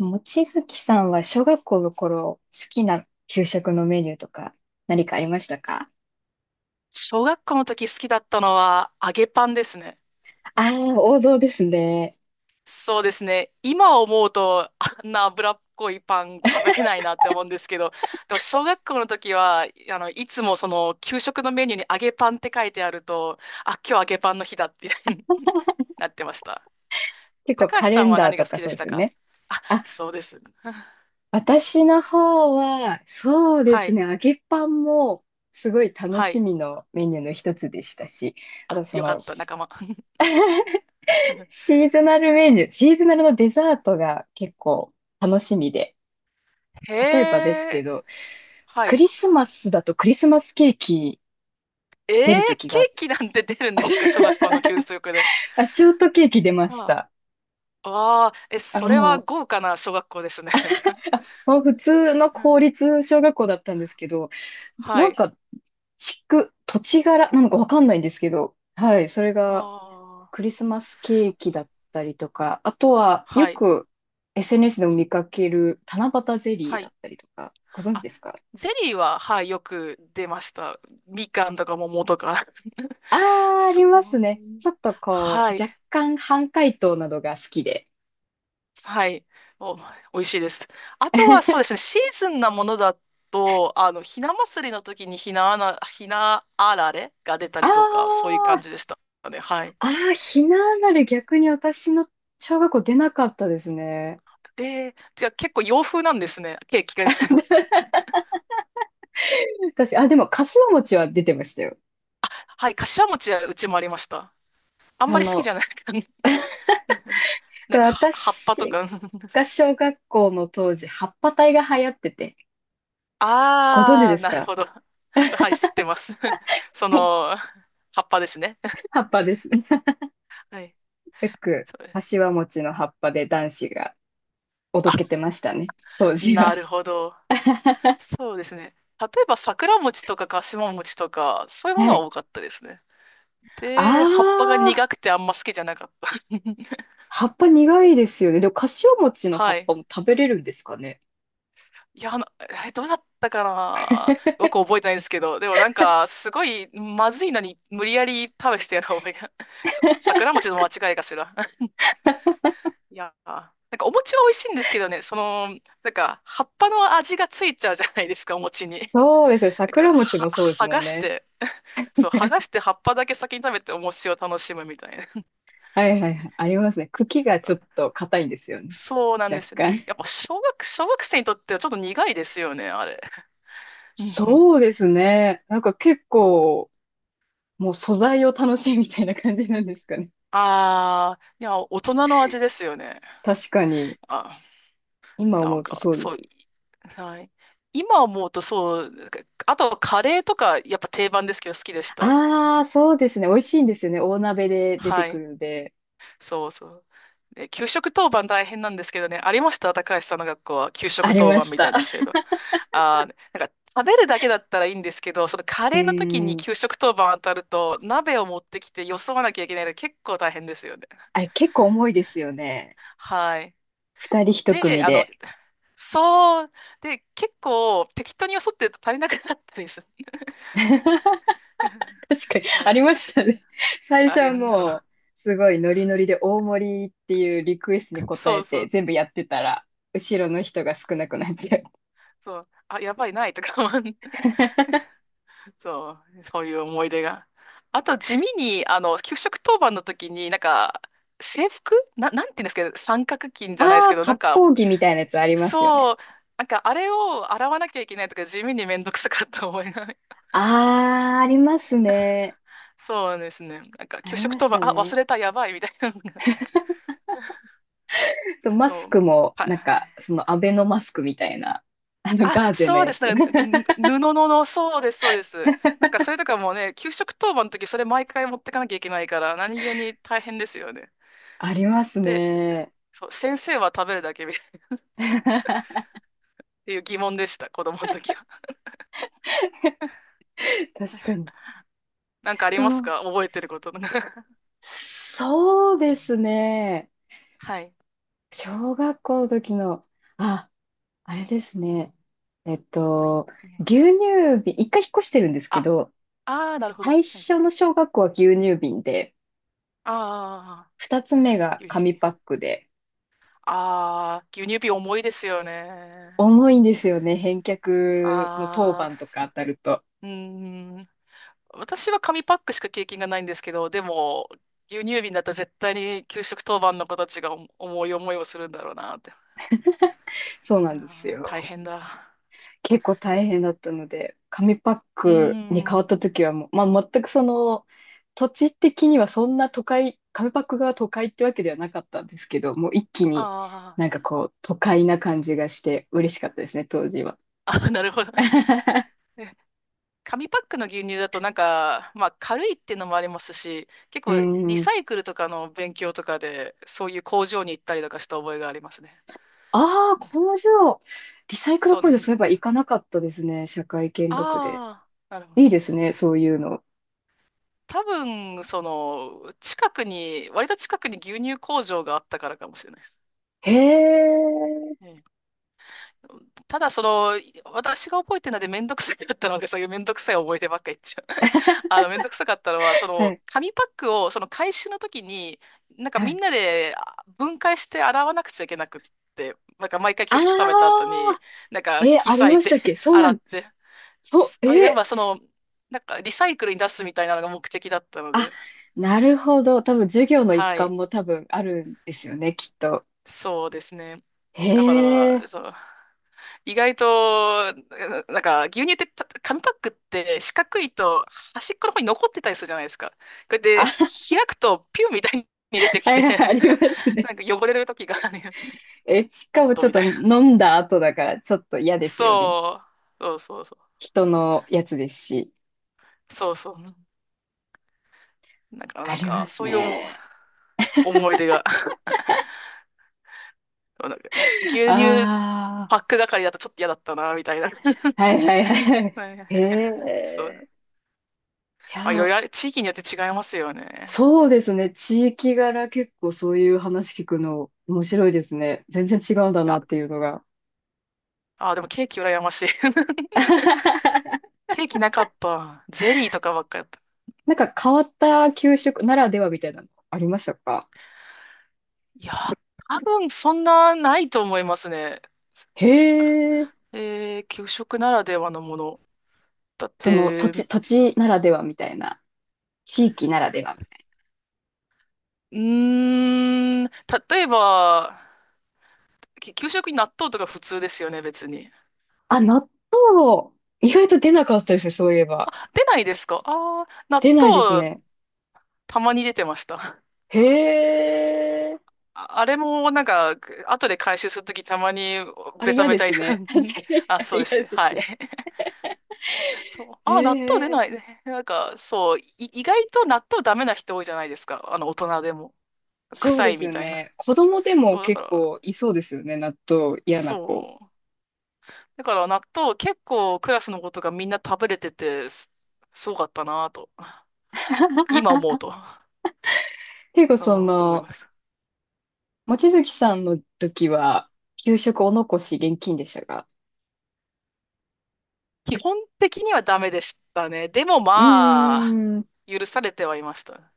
望月さんは小学校の頃、好きな給食のメニューとか何かありましたか？小学校の時好きだったのは揚げパンですね。ああー、王道ですね。そうですね。今思うとあんな脂っこいパン食べれないなって思うんですけど、でも小学校の時は、いつもその給食のメニューに揚げパンって書いてあると、あ、今日揚げパンの日だみたいになってました。結構高橋カさレんンはダ何ーがと好かきでそうしですたよか？ね。あ、あ、そうです。私の方は、そうではすい。ね、揚げパンもすごい楽はしい。みのメニューの一つでしたし、ああ、とそよかの、った、仲間。シーズナルメニュー、シーズナルのデザートが結構楽しみで。へ例えばですけえ。ど、はクい。リスマスだとクリスマスケーキえー、出る時ケがあっーて、 キなんて出るんですか小学校の給食で？あ、ショートケーキ出まあした。あああ、え、あ、それはも豪華な小学校ですね。う、もう普通のう公ん。立小学校だったんですけど、はなんい。か、土地柄なのかわかんないんですけど、はい、それがああ、クリスマスケーキだったりとか、あとはよはい。く SNS でも見かける七夕ゼリーはだっい。たりとか、ご存知あ、ですか？ゼリーは、はい、よく出ました。みかんとか桃とか。あ あー、あそりますね。う。ちょっとこはう、い。若干半解凍などが好きで。はい。お、美味しいです。あとは、そうですね、シーズンなものだと、ひな祭りの時にひなあられが出たありとか、そういう感あ、じでしたね。はい。ああ、ひなあられ逆に私の小学校出なかったですね。で、じゃあ結構洋風なんですね、ケーキが出るの。私、あ、でも、かしわ餅は出てましたよ。はい、柏餅はうちもありました。あんあまり好きじの、ゃないかな。なそんうか、葉っぱと私か。が 小学校の当時、葉っぱ隊が流行ってて、ご存知あであ、すなるか？ ほど。はい、知ってます。その、葉っぱですね。葉っぱです。よはい。く、そう。かしわ餅の葉っぱで男子がおどあ、けてましたね、当時なは。るほど。そうですね。例えば、桜餅とか柏餅とか、そういうものははい。多かったですね。で、葉っぱがああ、苦くてあんま好きじゃなかった。葉っぱ苦いですよね。でも、かしわ餅の葉はっい。ぱも食べれるんですかね。いや、どうだったかなよく覚えてないんですけど、でもなんか、すごい、まずいのに、無理やり食べしてやる覚えが、桜餅の間違いかしら。いやー、なんかお餅は美味しいんですけどね、その、なんか、葉っぱの味がついちゃうじゃないですか、お餅に。そうですよ。だから、桜餅もは、そうです剥もがんしね。て、そう、剥がして葉っぱだけ先に食べてお餅を楽しむみたいな。はいはいはい。ありますね。茎がちょっと硬いんですよね。そうなんで若すね。干。やっぱ、小学生にとってはちょっと苦いですよね、あれ。うんうん。そうですね。なんか結構、もう素材を楽しいみたいな感じなんですかね。ああ、いや、大人の味ですよね。確かに。あ、今な思んうとか、そうでそすう、ね。はい。今思うとそう、なんかあとはカレーとかやっぱ定番ですけど好きでした。ああ、そうですね。美味しいんですよね。大鍋で出てはくい。るんで。そうそう。で給食当番大変なんですけどね、ありました高橋さんの学校は給あ食り当ま番しみたた。いな制度？なんか食べるだけだったらいいんですけど、そのカうレーの時にーん。給食当番当たると鍋を持ってきてよそわなきゃいけないので結構大変ですよね。あれ結構重いですよね。はい。二人一で、組で。そう、で、結構適当によそってると足りなくなったりす 確かに、ありまる。したね。最あ初れはの、もう、すごいノリノリで大盛りっていうリクエストに応そえうそてう、全部やってたら、後ろの人が少なくなっちゃう。そう、あ、やばい、ないとか思う、そう、そういう思い出が。あと、地味に、給食当番の時に、なんか、制服な、なんて言うんですけど、三角巾あじゃないですあ、けど、なん割か、烹着みたいなやつありますよね。そう、なんか、あれを洗わなきゃいけないとか、地味にめんどくさかった思いが、ああ、ありますね。そうですね。なんか、あ給り食ま当し番、たあ、忘ね。れた、やばい、みたいなのが、とマそスクう、も、はい。なんか、そのアベノマスクみたいな、あのあ、ガーゼのそうやです。つ。なんか、布の、そうです、そうです。なんか、それとかもうね、給食当番の時、それ毎回持ってかなきゃいけないから、何気に大変ですよね。ありますで、ね。そう、先生は食べるだけみたいなっ 確ていう疑問でした、子供の時は。かに。なんかありそますの、か覚えてること？そうですね。はい。小学校の時の、あ、あれですね。えっはい。と、牛乳瓶、一回引っ越してるんですけあ、ど、あー、なるほど。最はい。初の小学校は牛乳瓶で、ああ、二つ目が牛乳紙瓶。パックで、ああ、牛乳瓶重いですよね。重いんですよね。返却の当ああ、番とか当たると。うーん。私は紙パックしか経験がないんですけど、でも、牛乳瓶だったら絶対に給食当番の子たちが重い思いをするんだろうなって。そうないやんですー、大よ。変だ。結構そ大う。変だったので、紙パッうークに変ん。わった時はもう、まあ全く土地的にはそんな都会、紙パックが都会ってわけではなかったんですけど、もう一気あにーなんかこう、都会な感じがして嬉しかったですね、当時は。あ、なるほど。え紙パックの牛乳だとなんか、まあ軽いっていうのもありますし、結う構リん。サイクルとかの勉強とかで、そういう工場に行ったりとかした覚えがありますね。ああ、工場。リサイクルそう。工場、そういえば行かなかったですね。社会見学で。ああ、なるほど。いいですね、そういうの。多分、その、近くに、割と近くに牛乳工場があったからかもしれないです。へえ。ええただ、その、私が覚えてるのでめんどくさかったので、そういうめんどくさい思い出ばっかり言っちゃう。めんどくさかったのは、そはの、い。紙パックを、その回収の時に、なんかはみんい。なで分解して洗わなくちゃいけなくって、なんか毎回あ給食食べた後に、あ、なんか引え、きあり裂まいして たっけ？ そうな洗んっでて、す。そう、やっえ、ぱその、なんかリサイクルに出すみたいなのが目的だったのあ、で、なるほど。多分授業の一はい、環も多分あるんですよね、きっと。そうですね。だかへら、え。そう、意外と、なんか、牛乳ってた、紙パックって四角いと端っこの方に残ってたりするじゃないですか。これあ、で 開くとピュンみたいに出てきはいて はい、あ りますね。なんか汚れる時があるね、え、しおかっもとちょっみとたいな。飲んだ後だから、ちょっと嫌ですよね。そう、そうそうそ人のやつですし。う。そうそう。だからあなんりまか、すそういうね。思い出が。そうなんか牛乳あパック係だとちょっと嫌だったな、みたいな。あ、はいはいはいはい。はいはいへはいはいそう。え。いまあ、いろいや、ろあれ、地域によって違いますよね。そうですね。地域柄結構そういう話聞くの面白いですね。全然違うんだいなや、っていうのが。でもケーキ羨ましい。ケーキなかった。ゼリーとかばっかやった。なんか変わった給食ならではみたいなのありましたか？いや、多分そんなないと思いますね。へえ、えー、給食ならではのもの。だっその土て、地、う土地ならではみたいな、地域ならではみたいーん、例えば、給食に納豆とか普通ですよね、別に。な。あ、納豆、意外と出なかったですね、そういえば。出ないですか？ああー、納出ないです豆ね。たまに出てました。へえ、あれもなんか、後で回収するときたまにあベれタ嫌ベでタに すね。確 かに、ああ、そうでれす嫌ね。ではすい。ね。そう。へああ、納豆出え、ないね。なんか、そう、意外と納豆ダメな人多いじゃないですか。大人でも。そう臭でいすみよたいな。ね。子供でもそう、だか結ら、構いそうですよね、納豆嫌なそ子。う。だから納豆結構クラスの子とかみんな食べれてて、すごかったなぁと、今思うと、結構思います。望月さんの時は、給食お残し現金でしたか？基本的にはダメでしたね。でもうーまあ、ん、う許されてはいました。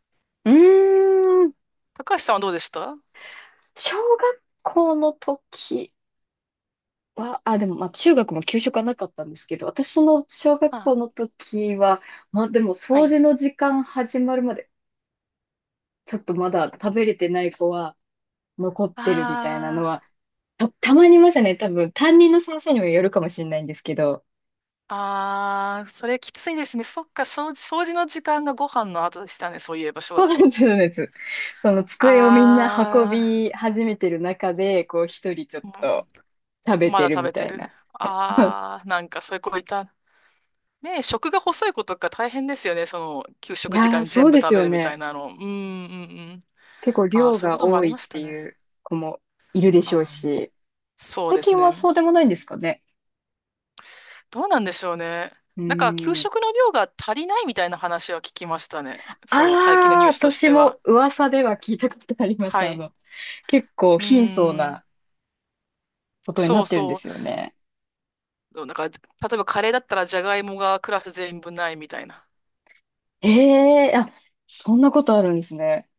ーん、高橋さんはどうでした？小学校の時は、あ、でも、まあ、中学も給食はなかったんですけど、私の小学校あ、の時は、まあ、でも、は掃い。除の時間始まるまで、ちょっとまだ食べれてない子は残ってるみたいなのああ。は、たまにいましたね。多分、担任の先生にもよるかもしれないんですけど、ああ、それきついですね。そっか、掃除の時間がご飯の後でしたね。そういえば、小そう学な校っんて。です。その机をみんな運あび始めてる中で、こう、一人ちょっあ、と食べまてだる食みべたている。な。ああ、なんかそういう子いた。ねえ、食が細い子とか大変ですよね。その、給い食時や間ー、にそ全う部で食すべよるみたいね。なの。うん、うん、うん。結構ああ、量そういうこがともあ多りまいしってたね。いう子もいるでしょうああ、し、そう最です近はね。そうでもないんですかね。どうなんでしょうね。うなんか、給ーん。食の量が足りないみたいな話は聞きましたね。その、最近のああ、ニュースとし私ては。も噂では聞いたことあります。はい。結構うー貧相ん。なことになそうってるんでそすよね。う。なんか、例えばカレーだったらじゃがいもがクラス全部ないみたいな。ええあ、そんなことあるんですね。